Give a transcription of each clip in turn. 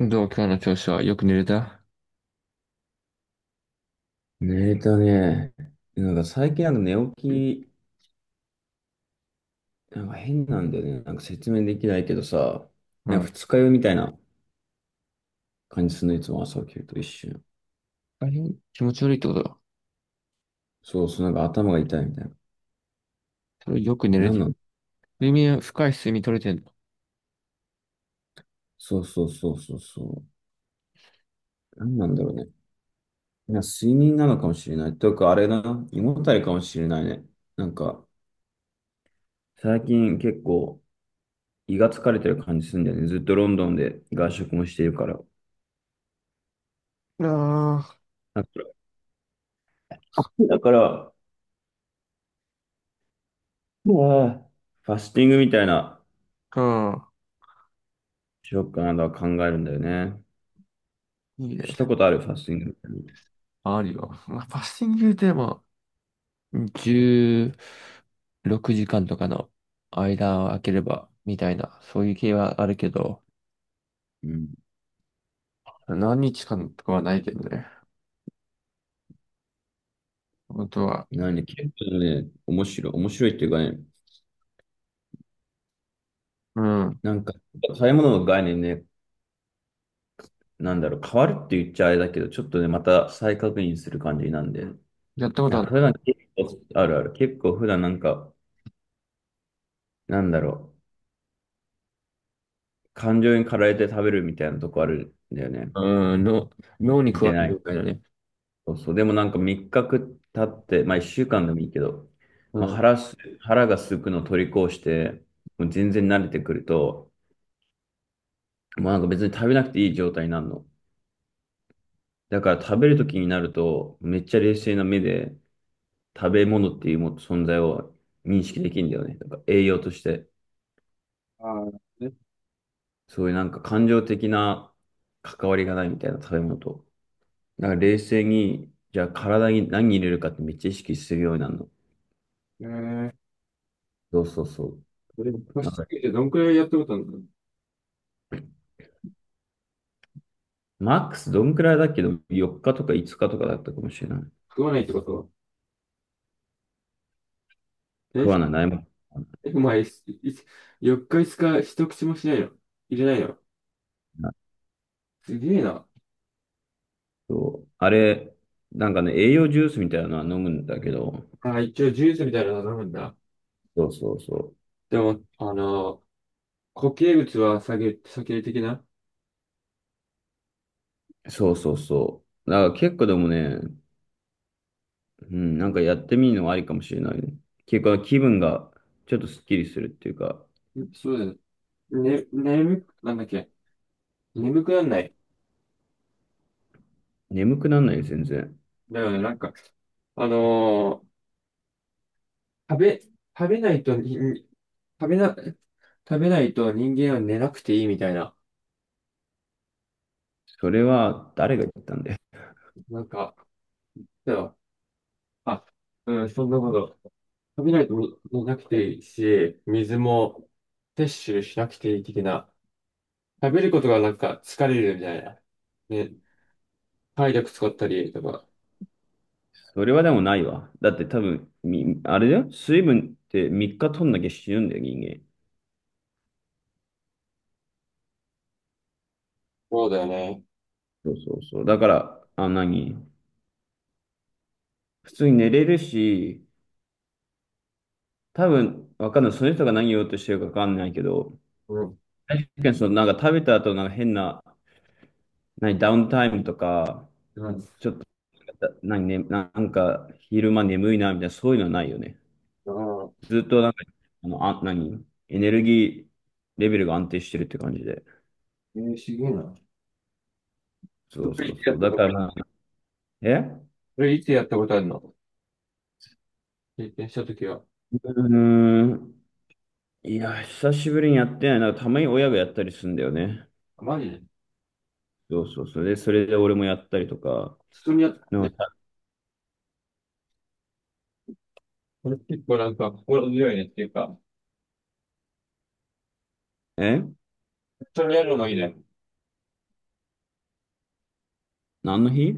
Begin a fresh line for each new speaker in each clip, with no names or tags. どう、今日の調子は？よく寝れた？
寝たね。なんか最近なんか寝起き、なんか変なんだよね。なんか説明できないけどさ、
う
なんか
ん。
二日酔いみたいな感じするの、いつも朝起きると一瞬。
あれ、気持ち悪いってことだ。
そうそう、なんか頭が痛いみたいな。
それよく寝れ
なん
て。
なん
睡眠、深い睡眠取れてんの？
そうそうそうそうそう。なんなんだろうね。なんか睡眠なのかもしれない。というかあれだな、胃もたれかもしれないね。なんか最近結構胃が疲れてる感じするんだよね。ずっとロンドンで外食もしてるから。
あ
だかだから、うわぁ、ファスティングみたいな。
あ、
しようかなとは考えるんだよね。
うん。いいね。
したことある、ファスティング？
あるよ。まあ、パッシングでも、16時間とかの間を空ければ、みたいな、そういう系はあるけど、
うん。
何日間とかはないけどね。本当は。
なんで、結構ね、面白い、面白いっていうかね、
うん。
なんか、食べ物の概念ね、なんだろう、変わるって言っちゃあれだけど、ちょっとね、また再確認する感じなんで、い
やったこと
や
ある
普
の？
段結構、あるある、結構普段なんか、なんだろう、感情に駆られて食べるみたいなとこあるんだよね。
うん、脳に
見
加
て
わせ
な
る
い。
みたい解だね。
そうそう。でもなんか3日経って、まあ1週間でもいいけど、
う
まあ、
ん。
腹が空くのを取り越して、もう全然慣れてくると、もうなんか別に食べなくていい状態になるの。だから食べるときになると、めっちゃ冷静な目で食べ物っていうも存在を認識できるんだよね。だから栄養として、
ああ、ね。
そういうなんか感情的な関わりがないみたいな食べ物と。だから冷静に、じゃあ体に何入れるかってめっちゃ意識するようになるの。
えー
そうそうそう。
それ
な
貸
ん
し
か
付けてどんくらいやってことなの？
マックスどんくらいだっけど、4日とか5日とかだったかもしれない。
食わないってことは。え、
食わない、ないもん。
えお前、いい4日5日一口もしないの？入れないの？
あ
すげえな。
とあれ、なんかね、栄養ジュースみたいなのは飲むんだけど、
あ、一応ジュースみたいなの飲むんだ。
そうそうそ
でも、固形物は避ける的な。
う。そうそうそう。だから結構でもね、うん、なんかやってみるのはありかもしれないね。結構気分がちょっとスッキリするっていうか、
んそうだよね。ね、なんだっけ。眠くなんない？
眠くならないよ、全然。
だよね、なんか、あのー食べ、食べないとに、に食べな、食べないと人間は寝なくていいみたいな。
それは誰が言ったんだよ。
なんか、だよ。あ、うん、そんなこと。食べないとももなくていいし、水も摂取しなくていい的な。食べることがなんか疲れるみたいな。ね、体力使ったりとか。
それはでもないわ。だって多分、あれだよ。水分って3日取んなきゃ死ぬんだよ、人間。
そうだよね。
そうそうそう。だから、あ、何普通に寝れるし、多分、わかんない。その人が何言おうとしてるかわかんないけど、
うん。
確かにその、なんか食べた後、なんか変な、何、ダウンタイムとか、
うん。だ
ちょっと、何、ね、なんか、昼間眠いな、みたいな、そういうのはないよね。
から、
ずっと、なんか、あの、あ、何エネルギーレベルが安定してるって感じで。
すげえな。
そ
そ
う
れ
そ
い
う
つや
そ
っ
う。
た
だ
こ
か
と、
らまあ、え
それいつやったことあるの？経験したときは？
うーん。いや、久しぶりにやってないな。たまに親がやったりするんだよね。
マジで
そうそうそう。で、それで俺もやったりとか。
普通にやった。
でも
ね
た
これ結構なんか心強いねっていうか、
え？
一緒にやるのもいいね。
何の日？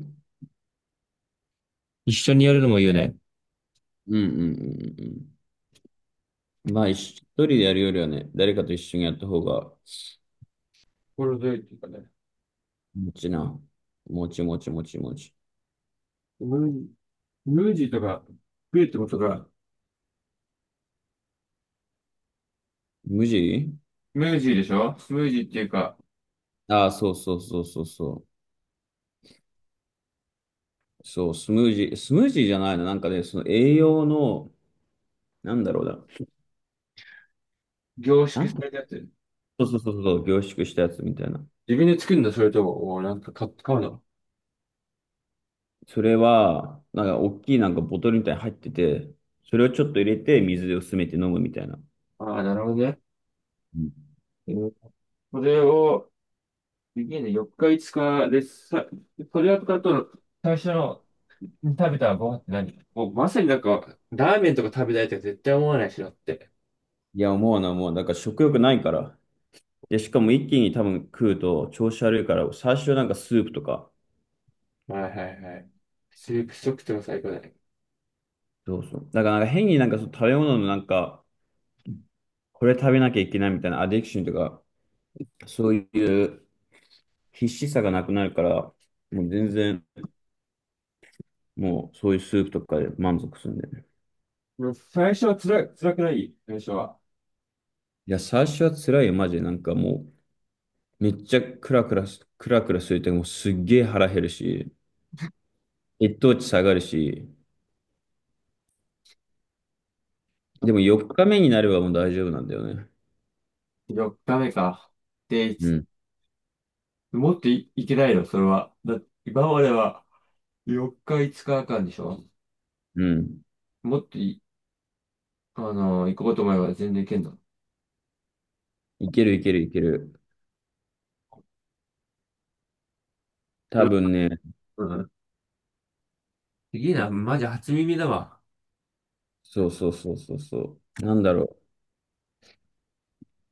一緒にやるのもいいよね。
うんうんうんうん。まあ、一人でやるよりはね、誰かと一緒にやった方が、
心強いっていうかね。
もちな。もちもちもちもち。
ムー、ムージーとか食えってことが？
無地。
ムージーでしょ？スムージーっていうか、
ああ、そうそうそうそうそう。そう、スムージー、スムージーじゃないの。なんかね、その栄養の、なんだろうな。
凝
な
縮
んか、
されたやつ。
そうそうそうそう、凝縮したやつみたいな。
自分で作るの？それとも、お買うの？
それは、なんか、大きいなんかボトルみたいに入ってて、それをちょっと入れて、水で薄めて飲むみたいな。
ああ、なるほどね。うんこれを、で4日5日で、さ、これを使うと、最初の食べたご飯って、何もうまさになんか、ラーメンとか食べたいとか絶対思わないしなって。
いや、思うな、もう、なんから食欲ないから。で、しかも一気に多分食うと調子悪いから、最初なんかスープとか、
はいはいはい。スープ食っックとか最高だね。
そうそう。だからなんか変になんかその食べ物のなんか、これ食べなきゃいけないみたいなアディクションとか、そういう必死さがなくなるから、もう全然、もうそういうスープとかで満足するんだよね。
もう最初は辛い、辛くない？最初は。
いや、最初は辛いよ、マジで。なんかもう、めっちゃクラクラすると、もうすっげえ腹減るし、血糖値下がるし、でも4日目になればもう大丈夫なんだよね。
4日目か。で、い
う
つ
ん。
もっとい、いけないのそれは？今までは、4日、5日んでしょ？
うん。
もっとい、行こうと思えば全然行けんの？
いけるいけるいける。多分ね、
うん。すげえな、マジ初耳だわ。
そうそうそうそうそう。なんだろう。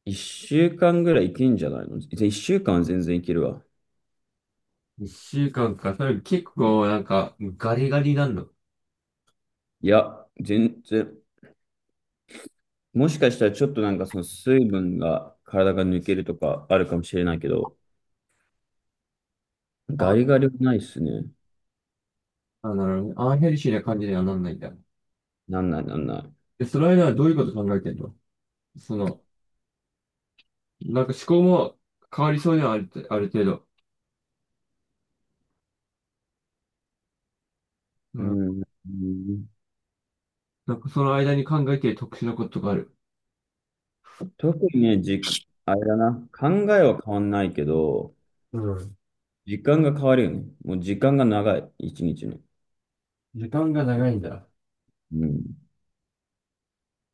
一週間ぐらいいけんじゃないのぜ？一週間は全然いけるわ。
1週間かんか？それ結構なんかガリガリなんの？
いや、全然。もしかしたらちょっとなんかその水分が体が抜けるとかあるかもしれないけど、ガ
あ、
リガリはないっすね。
なるほどね。アンヘルシーな感じにはなんないんだ。
なんないなんない。
で、その間はどういうこと考えてんの？その、なんか思考も変わりそうにはある、ある程度。う
う
ん。
ん。うん。
なんかその間に考えてる特殊なことがある？
特にね、時間、あれだな。考えは変わんないけど、
うん。
時間が変わるよね。もう時間が長い。一日の。
時間が長いんだ。
うん。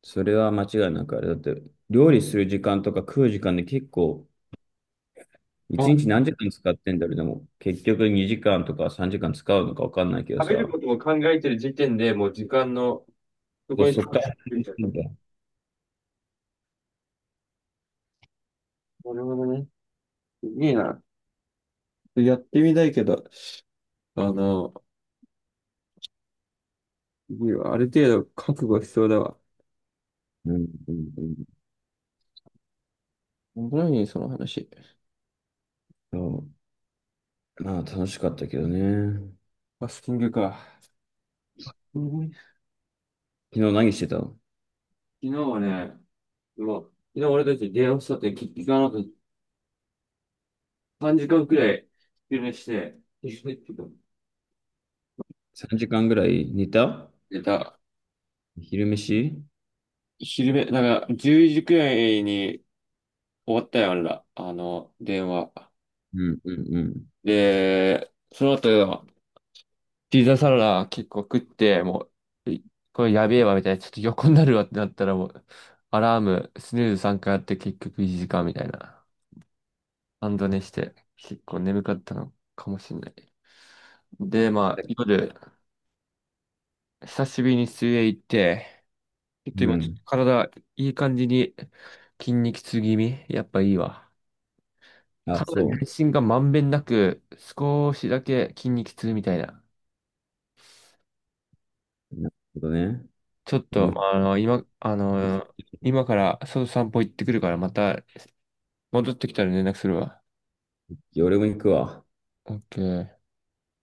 それは間違いなくあれだって、料理する時間とか食う時間で結構、
あ、
一日何時間使ってんだろう、でも、結局2時間とか3時間使うのか分かんないけど
食べる
さ、
ことも考えてる時点でもう時間の、そこに集
そっから始
中し
め
ちゃっ
て
た。
んだよ、
なるほどね。いいな。やってみたいけど、あの、すわある程度覚悟しそうだわ。
うんうんうん。
面白いねその話。
そう、まあ楽しかったけどね。
ファスティングか。うん、昨
昨日何してたの
日はね、もう、昨日俺たち電話したって聞かなくて、3時間くらい昼寝して、昼寝っていうか
?3 時間ぐらい寝た？
寝た。
昼飯。
昼寝、なんか、10時くらいに終わったよ、あれら。電話。
うんうんう
で、その後、ピザサラダ結構食って、もう、これやべえわみたいな、ちょっと横になるわってなったらもう、アラーム、スヌーズ3回やって結局1時間みたいな。半ド寝して、結構眠かったのかもしれない。で、まあ、夜、久しぶりに水泳行って、ちょっと
ん。う
今、ちょっ
ん。
と体、いい感じに筋肉痛気味。やっぱいいわ。
あ、
体
そ
全身がまんべんなく、少しだけ筋肉痛みたいな。
う。なるほどね。
ちょっと、
面
まあ、あ
白
の、
い。
今、あの、今から外散歩行ってくるから、また戻ってきたら連絡するわ。
俺も行くわ。
OK。